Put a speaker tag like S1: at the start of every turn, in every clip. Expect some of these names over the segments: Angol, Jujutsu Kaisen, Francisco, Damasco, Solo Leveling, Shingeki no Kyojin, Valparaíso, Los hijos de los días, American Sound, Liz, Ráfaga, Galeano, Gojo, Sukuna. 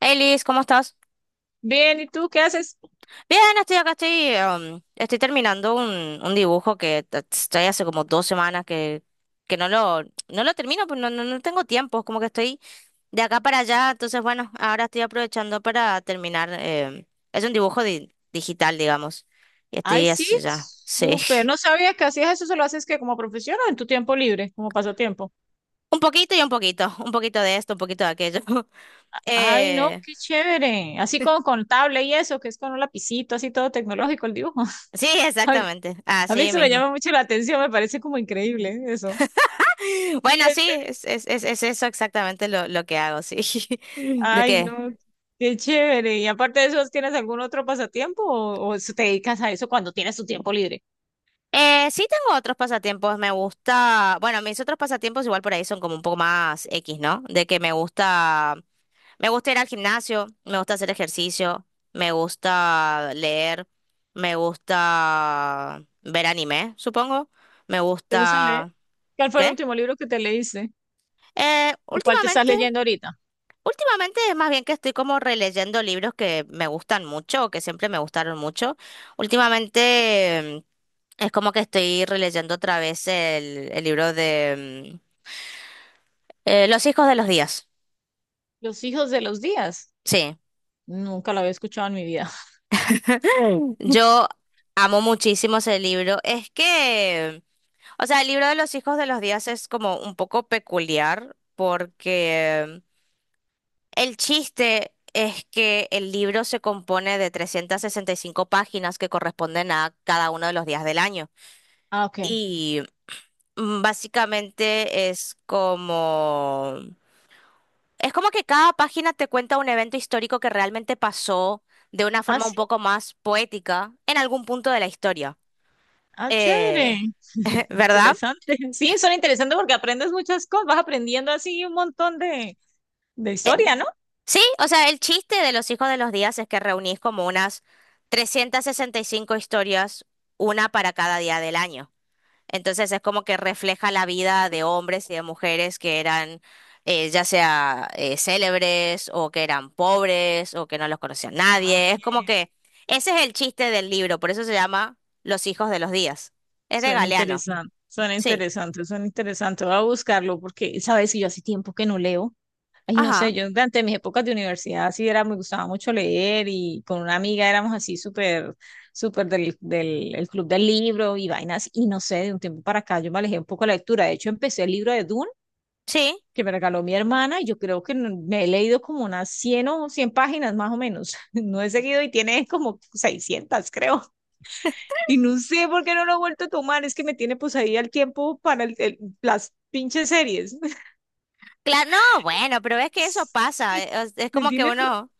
S1: Hey Liz, ¿cómo estás?
S2: Bien, ¿y tú qué haces?
S1: Bien, estoy acá, estoy terminando un dibujo estoy hace como 2 semanas que no lo termino, pues no tengo tiempo, es como que estoy de acá para allá, entonces bueno, ahora estoy aprovechando para terminar. Es un dibujo digital, digamos, y
S2: Ay,
S1: estoy
S2: sí,
S1: hace ya, sí.
S2: súper. No sabía que hacías eso, ¿se lo haces que como profesión o en tu tiempo libre, como pasatiempo?
S1: Un poquito y un poquito de esto, un poquito de aquello.
S2: Ay, no,
S1: Eh,
S2: qué chévere. Así con tablet y eso, que es con un lapicito, así todo tecnológico el dibujo.
S1: sí,
S2: A mí,
S1: exactamente,
S2: a mí
S1: así
S2: eso me
S1: mismo.
S2: llama mucho la atención, me parece como increíble, ¿eh? Eso. Sí,
S1: Bueno,
S2: en
S1: sí,
S2: serio.
S1: es eso exactamente lo que hago, sí. ¿De
S2: Ay,
S1: qué?
S2: no, qué chévere. Y aparte de eso, ¿tienes algún otro pasatiempo o se te dedicas a eso cuando tienes tu tiempo libre?
S1: Sí, tengo otros pasatiempos, me gusta, bueno, mis otros pasatiempos igual por ahí son como un poco más X, ¿no? De que me gusta ir al gimnasio, me gusta hacer ejercicio, me gusta leer, me gusta ver anime, supongo, me
S2: ¿Te gusta leer?
S1: gusta...
S2: ¿Cuál fue el
S1: ¿Qué?
S2: último libro que te leíste?
S1: Eh,
S2: ¿O cuál te estás
S1: últimamente
S2: leyendo ahorita?
S1: Últimamente es más bien que estoy como releyendo libros que me gustan mucho o que siempre me gustaron mucho. Últimamente, es como que estoy releyendo otra vez el libro de Los hijos de los días.
S2: Los hijos de los días.
S1: Sí,
S2: Nunca la había escuchado en mi vida.
S1: yo amo muchísimo ese libro. Es que, o sea, el libro de Los hijos de los días es como un poco peculiar porque el chiste... Es que el libro se compone de 365 páginas que corresponden a cada uno de los días del año.
S2: Ah, ok.
S1: Y básicamente es como que cada página te cuenta un evento histórico que realmente pasó de una
S2: Ah,
S1: forma un
S2: sí.
S1: poco más poética en algún punto de la historia.
S2: Ah, chévere.
S1: Eh, ¿Verdad?
S2: Interesante. Sí, son interesantes porque aprendes muchas cosas. Vas aprendiendo así un montón de historia, ¿no?
S1: Sí, o sea, el chiste de los hijos de los días es que reunís como unas 365 historias, una para cada día del año. Entonces es como que refleja la vida de hombres y de mujeres que eran, ya sea, célebres, o que eran pobres, o que no los conocía
S2: Ah,
S1: nadie.
S2: ok.
S1: Es como que ese es el chiste del libro, por eso se llama Los hijos de los días. Es de
S2: Suena
S1: Galeano.
S2: interesante. Suena
S1: Sí.
S2: interesante, suena interesante. Voy a buscarlo porque, sabes, que yo hace tiempo que no leo. Ay, no sé,
S1: Ajá.
S2: yo durante mis épocas de universidad sí era, me gustaba mucho leer y con una amiga éramos así súper, súper del, del el club del libro y vainas. Y no sé, de un tiempo para acá yo me alejé un poco de la lectura. De hecho, empecé el libro de Duna
S1: Sí.
S2: que me regaló mi hermana y yo creo que me he leído como unas 100 o 100 páginas más o menos. No he seguido y tiene como 600, creo. Y no sé por qué no lo he vuelto a tomar, es que me tiene pues ahí al tiempo para las pinches series.
S1: Claro. No, bueno, pero es que eso pasa. Es
S2: Me
S1: como que
S2: tiene
S1: uno,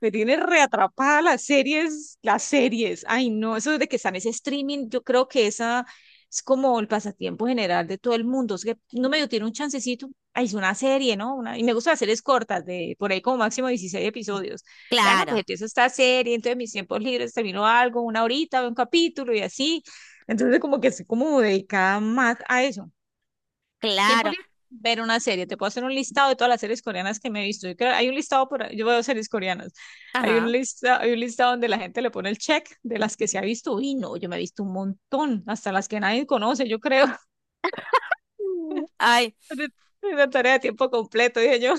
S2: me tiene reatrapada las series, las series. Ay, no, eso de que están ese streaming, yo creo que esa es como el pasatiempo general de todo el mundo. Es que no medio tiene un chancecito. Ay, es una serie, ¿no? Una, y me gustan las series cortas, de por ahí como máximo 16 episodios. Ah, no, pues
S1: claro,
S2: empiezo esta serie, entonces mis tiempos libres termino algo, una horita, veo un capítulo y así. Entonces, como que estoy como dedicada más a eso,
S1: claro.
S2: ver una serie. Te puedo hacer un listado de todas las series coreanas que me he visto. Hay un listado yo veo series coreanas. Hay un
S1: Ajá.
S2: lista, hay un listado donde la gente le pone el check de las que se ha visto. Y no, yo me he visto un montón, hasta las que nadie conoce, yo creo.
S1: Mm. Ay,
S2: Es una tarea de tiempo completo, dije yo.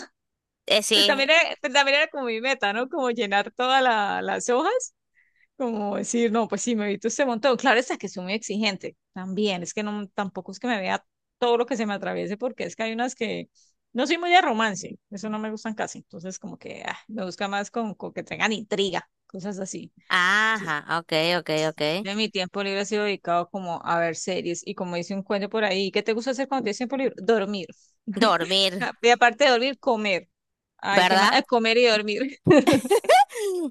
S2: Pues
S1: sí.
S2: también, era- pues también era como mi meta, ¿no? Como llenar todas las hojas. Como decir, no, pues sí, me evito este montón. Claro, está que soy muy exigente también. Es que no, tampoco es que me vea todo lo que se me atraviese, porque es que hay unas que no soy muy de romance, eso no me gustan casi. Entonces, como que ah, me busca más con que tengan intriga, cosas así. Entonces,
S1: Ajá, ok, ok, ok.
S2: de mi tiempo libre ha sido dedicado como a ver series y, como dice un cuento por ahí, ¿qué te gusta hacer cuando tienes tiempo libre? Dormir.
S1: Dormir,
S2: Y aparte de dormir, comer. Ay, qué más.
S1: ¿verdad?
S2: Ah, comer y dormir.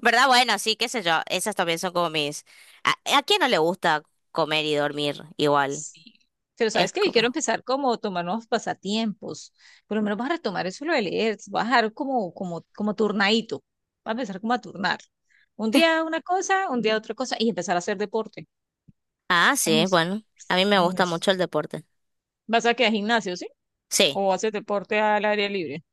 S1: ¿Verdad? Bueno, sí, qué sé yo. Esas también son como mis... ¿A quién no le gusta comer y dormir igual?
S2: Sí. Pero
S1: Es
S2: sabes que yo quiero
S1: como...
S2: empezar como a tomar nuevos pasatiempos. Por lo menos vas a retomar eso lo de leer. Vas a dejar como, turnadito. Vas a empezar como a turnar. Un día una cosa, un día otra cosa. Y empezar a hacer deporte.
S1: Ah,
S2: Ay,
S1: sí, bueno. A mí me
S2: sí,
S1: gusta mucho el deporte.
S2: ¿vas a quedar al gimnasio, sí?
S1: Sí.
S2: ¿O haces deporte al aire libre?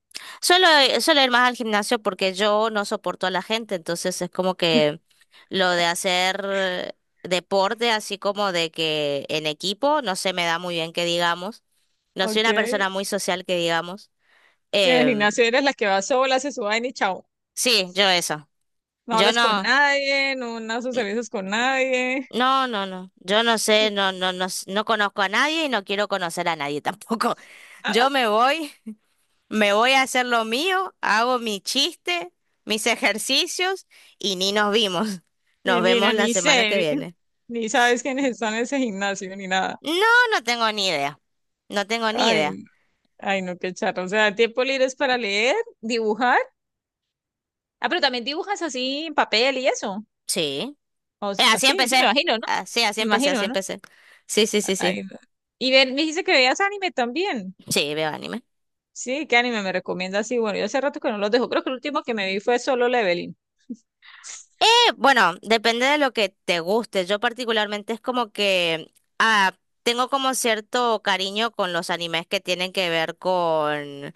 S1: Suelo, Suelo ir más al gimnasio porque yo no soporto a la gente, entonces es como que lo de hacer, deporte, así como de que en equipo, no se me da muy bien que digamos. No soy
S2: Ok.
S1: una persona muy social que digamos.
S2: Y en el
S1: Em,
S2: gimnasio eres la que va sola, se suba y chao.
S1: sí, yo eso.
S2: No
S1: Yo
S2: hablas con
S1: no.
S2: nadie, no, no socializas con nadie.
S1: No, no, no. Yo no sé, no, no, no, no conozco a nadie y no quiero conocer a nadie tampoco. Yo me voy a hacer lo mío, hago mi chiste, mis ejercicios y ni nos vimos.
S2: Y
S1: Nos
S2: ni,
S1: vemos la
S2: ni
S1: semana que
S2: sé,
S1: viene.
S2: ni sabes quiénes están en ese gimnasio, ni nada.
S1: No, no tengo ni idea. No tengo ni idea.
S2: Ay, ay, no, qué charro. O sea, tiempo libre es para leer, dibujar. Ah, pero también dibujas así en papel y eso.
S1: Sí. Así
S2: Así, sí, me
S1: empecé.
S2: imagino, ¿no?
S1: Así
S2: Me
S1: empecé, así
S2: imagino, ¿no?
S1: empecé. Sí, sí, sí, sí.
S2: Ay, no. Y ven, me dijiste que veías anime también.
S1: Sí, veo anime.
S2: Sí, ¿qué anime me recomiendas? Sí, bueno, yo hace rato que no los dejo. Creo que el último que me vi fue Solo Leveling.
S1: Bueno, depende de lo que te guste. Yo particularmente es como que, ah, tengo como cierto cariño con los animes que tienen que ver con,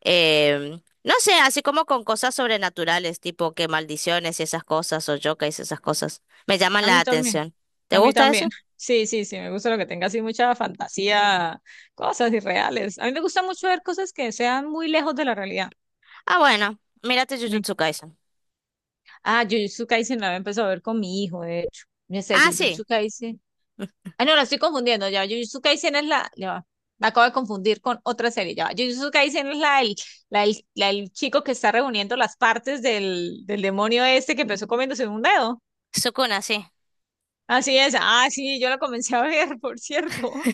S1: no sé, así como con cosas sobrenaturales, tipo que maldiciones y esas cosas, o yokais y esas cosas. Me llaman
S2: A
S1: la
S2: mí también,
S1: atención. ¿Te
S2: a mí
S1: gusta
S2: también.
S1: eso?
S2: Sí, sí, sí, me gusta lo que tenga así mucha fantasía, cosas irreales. A mí me gusta mucho ver cosas que sean muy lejos de la realidad.
S1: Ah, bueno, mírate
S2: Me
S1: Jujutsu Kaisen.
S2: Ah, Jujutsu Kaisen la había empezado a ver con mi hijo, de hecho. No sé,
S1: Ah, sí,
S2: Jujutsu Kaisen. Ah, no, la estoy confundiendo ya. Jujutsu Kaisen es la, ya va. Me acabo de confundir con otra serie. Ya va. Jujutsu Kaisen es la del chico que está reuniendo las partes del demonio este que empezó comiéndose un dedo.
S1: Sukuna, sí.
S2: Así es. Ah, sí, yo la comencé a ver, por cierto.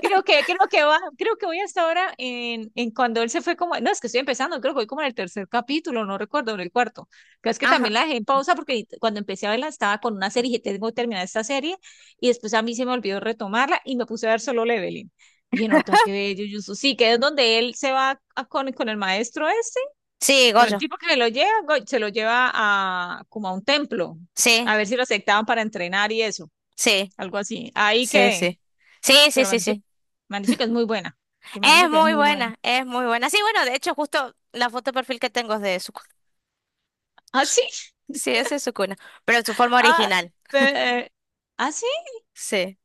S2: Creo que voy hasta ahora en, cuando él se fue como, no, es que estoy empezando, creo que voy como en el tercer capítulo, no recuerdo, en el cuarto. Creo es que también
S1: Ajá.
S2: la dejé en pausa porque cuando empecé a verla estaba con una serie y dije, tengo que terminar esta serie y después a mí se me olvidó retomarla y me puse a ver Solo Leveling. Y dije, no, tengo que ver Jujutsu. Sí, que es donde él con el maestro ese,
S1: Sí,
S2: con el
S1: Gojo.
S2: tipo que se lo lleva, se lo lleva a como a un templo,
S1: Sí,
S2: a ver si lo aceptaban para entrenar y eso,
S1: sí,
S2: algo así. Ahí
S1: sí,
S2: quedé,
S1: sí. Sí, sí,
S2: pero me han
S1: sí,
S2: dicho,
S1: sí.
S2: que es muy buena, que me han dicho
S1: Es
S2: que es
S1: muy
S2: muy buena.
S1: buena, es muy buena. Sí, bueno, de hecho, justo la foto de perfil que tengo es de su
S2: ¿Ah, sí?
S1: sí, esa es su cuna, pero en su forma
S2: Ah,
S1: original.
S2: pe- eh, ¿ah, sí?
S1: Sí.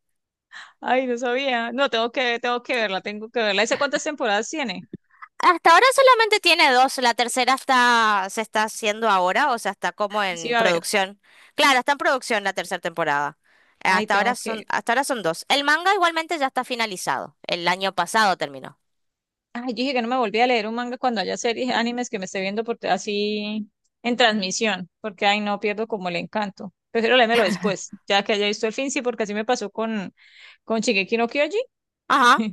S2: Ay, no sabía. No, tengo que verla, tengo que verla. ¿Esa cuántas temporadas tiene?
S1: Hasta ahora solamente tiene dos, la tercera está, se está haciendo ahora, o sea, está como
S2: Ay, sí,
S1: en
S2: va a ver.
S1: producción. Claro, está en producción la tercera temporada.
S2: Ay, tengo que.
S1: Hasta ahora son dos. El manga igualmente ya está finalizado. El año pasado terminó.
S2: Ay, yo dije que no me volví a leer un manga cuando haya series, animes que me esté viendo por, así en transmisión, porque ay, no pierdo como el encanto. Prefiero leérmelo después, ya que haya visto el fin, sí, porque así me pasó con, Shingeki no Kyojin.
S1: Ajá,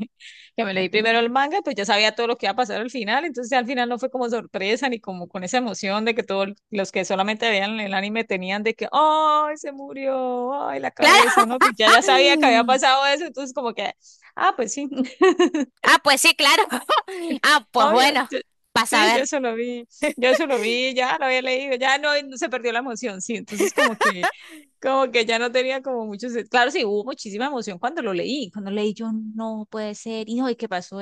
S2: Que me leí primero el manga, pues ya sabía todo lo que iba a pasar al final, entonces al final no fue como sorpresa ni como con esa emoción de que todos los que solamente veían el anime tenían de que, ¡ay, se murió!, ¡ay, la cabeza!,
S1: claro.
S2: ¿no? Pues ya, ya sabía que había pasado eso, entonces como que, ah, pues sí,
S1: Ah, pues sí, claro. Ah, pues
S2: ay,
S1: bueno, pasa a
S2: sí, yo
S1: ver.
S2: eso lo vi, yo eso lo vi, ya lo había leído, ya no, no se perdió la emoción, sí, entonces como que, ya no tenía como muchos, claro, sí, hubo muchísima emoción cuando lo leí, cuando leí yo, no puede ser, hijo, ¿y qué pasó?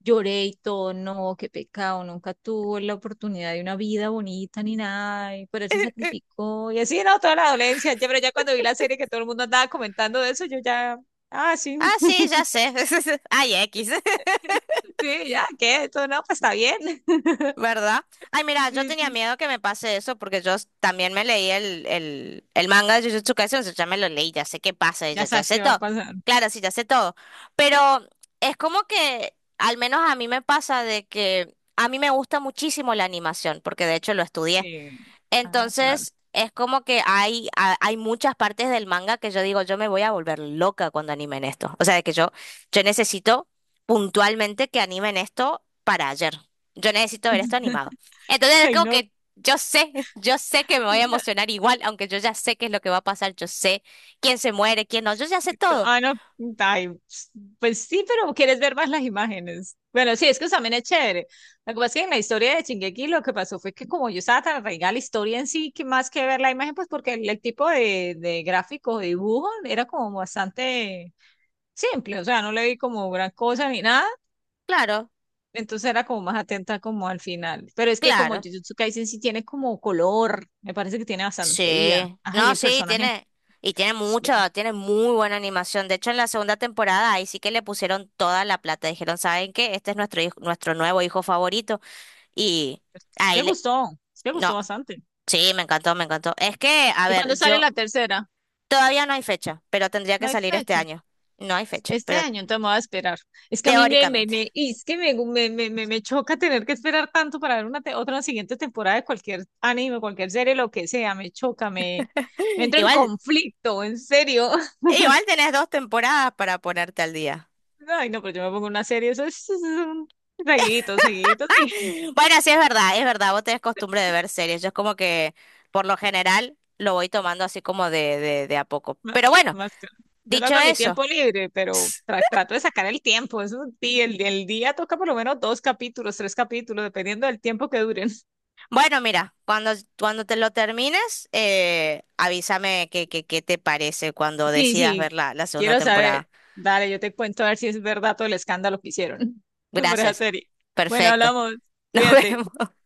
S2: Lloré y todo, no, qué pecado, nunca tuvo la oportunidad de una vida bonita ni nada, y por él se sacrificó, y así, no, toda la dolencia, ya, pero ya cuando vi la serie que todo el mundo andaba comentando de eso, yo ya, ah, sí,
S1: Ah, sí, ya sé. Ay, X.
S2: sí, ya, qué, esto, no, pues está bien,
S1: ¿Verdad? Ay, mira, yo
S2: sí,
S1: tenía
S2: sí,
S1: miedo que me pase eso porque también me leí el manga de Jujutsu Kaisen, o sea, ya me lo leí, ya sé qué pasa,
S2: ya
S1: ya
S2: sabes
S1: sé
S2: qué va a
S1: todo.
S2: pasar,
S1: Claro, sí, ya sé todo. Pero es como que, al menos a mí me pasa de que a mí me gusta muchísimo la animación, porque de hecho lo estudié.
S2: sí, ah, claro,
S1: Entonces, es como que hay muchas partes del manga que yo digo, yo me voy a volver loca cuando animen esto. O sea, de que yo necesito puntualmente que animen esto para ayer. Yo necesito ver esto animado. Entonces, es
S2: ay,
S1: como
S2: no,
S1: que yo sé, yo sé que me voy a
S2: no,
S1: emocionar igual, aunque yo ya sé qué es lo que va a pasar, yo sé quién se muere, quién no, yo ya sé
S2: Tú-
S1: todo.
S2: Ah, no, ay, pues sí, pero quieres ver más las imágenes. Bueno, sí, es que eso también es chévere. Lo que pasa es que en la historia de Shingeki lo que pasó fue que como yo estaba tan arraigada a la historia en sí, que más que ver la imagen, pues porque el tipo de gráfico, de dibujo, era como bastante simple, o sea, no le vi como gran cosa ni nada,
S1: Claro,
S2: entonces era como más atenta como al final. Pero es que como
S1: claro.
S2: Jujutsu Kaisen sí tiene como color, me parece que tiene bastante vida.
S1: Sí,
S2: Ay,
S1: no,
S2: el
S1: sí,
S2: personaje,
S1: tiene, y tiene
S2: es, es-
S1: mucha, tiene muy buena animación. De hecho, en la segunda temporada ahí sí que le pusieron toda la plata. Dijeron, ¿saben qué? Este es nuestro hijo, nuestro nuevo hijo favorito. Y
S2: es
S1: ahí
S2: que
S1: le,
S2: gustó, es que gustó
S1: no,
S2: bastante.
S1: sí, me encantó, me encantó. Es que, a
S2: ¿Y cuándo
S1: ver,
S2: sale la tercera?
S1: todavía no hay fecha, pero tendría
S2: No
S1: que
S2: hay
S1: salir este
S2: fecha.
S1: año. No hay fecha,
S2: Este
S1: pero
S2: año, entonces me voy a esperar. Es que a mí
S1: teóricamente.
S2: y es que me choca tener que esperar tanto para ver una otra siguiente temporada de cualquier anime, cualquier serie, lo que sea. Me choca, me entro en
S1: Igual,
S2: conflicto, en serio.
S1: Igual tenés dos temporadas para ponerte al día.
S2: Ay, no, pero yo me pongo una serie, eso es un seguidito, seguidito, seguidito.
S1: Bueno, sí, es verdad, vos tenés costumbre de ver series. Yo es como que, por lo general, lo voy tomando así como de a poco.
S2: Ma-
S1: Pero bueno,
S2: Más, yo lo
S1: dicho
S2: hago en mi
S1: eso,
S2: tiempo libre, pero trato de sacar el tiempo. Eso, sí, el día toca por lo menos dos capítulos, tres capítulos, dependiendo del tiempo que duren.
S1: bueno, mira, cuando te lo termines, avísame qué te parece cuando
S2: Sí,
S1: decidas
S2: sí,
S1: ver la segunda
S2: quiero saber.
S1: temporada.
S2: Dale, yo te cuento a ver si es verdad todo el escándalo que hicieron por esa
S1: Gracias.
S2: serie. Bueno,
S1: Perfecto.
S2: hablamos.
S1: Nos
S2: Cuídate.
S1: vemos.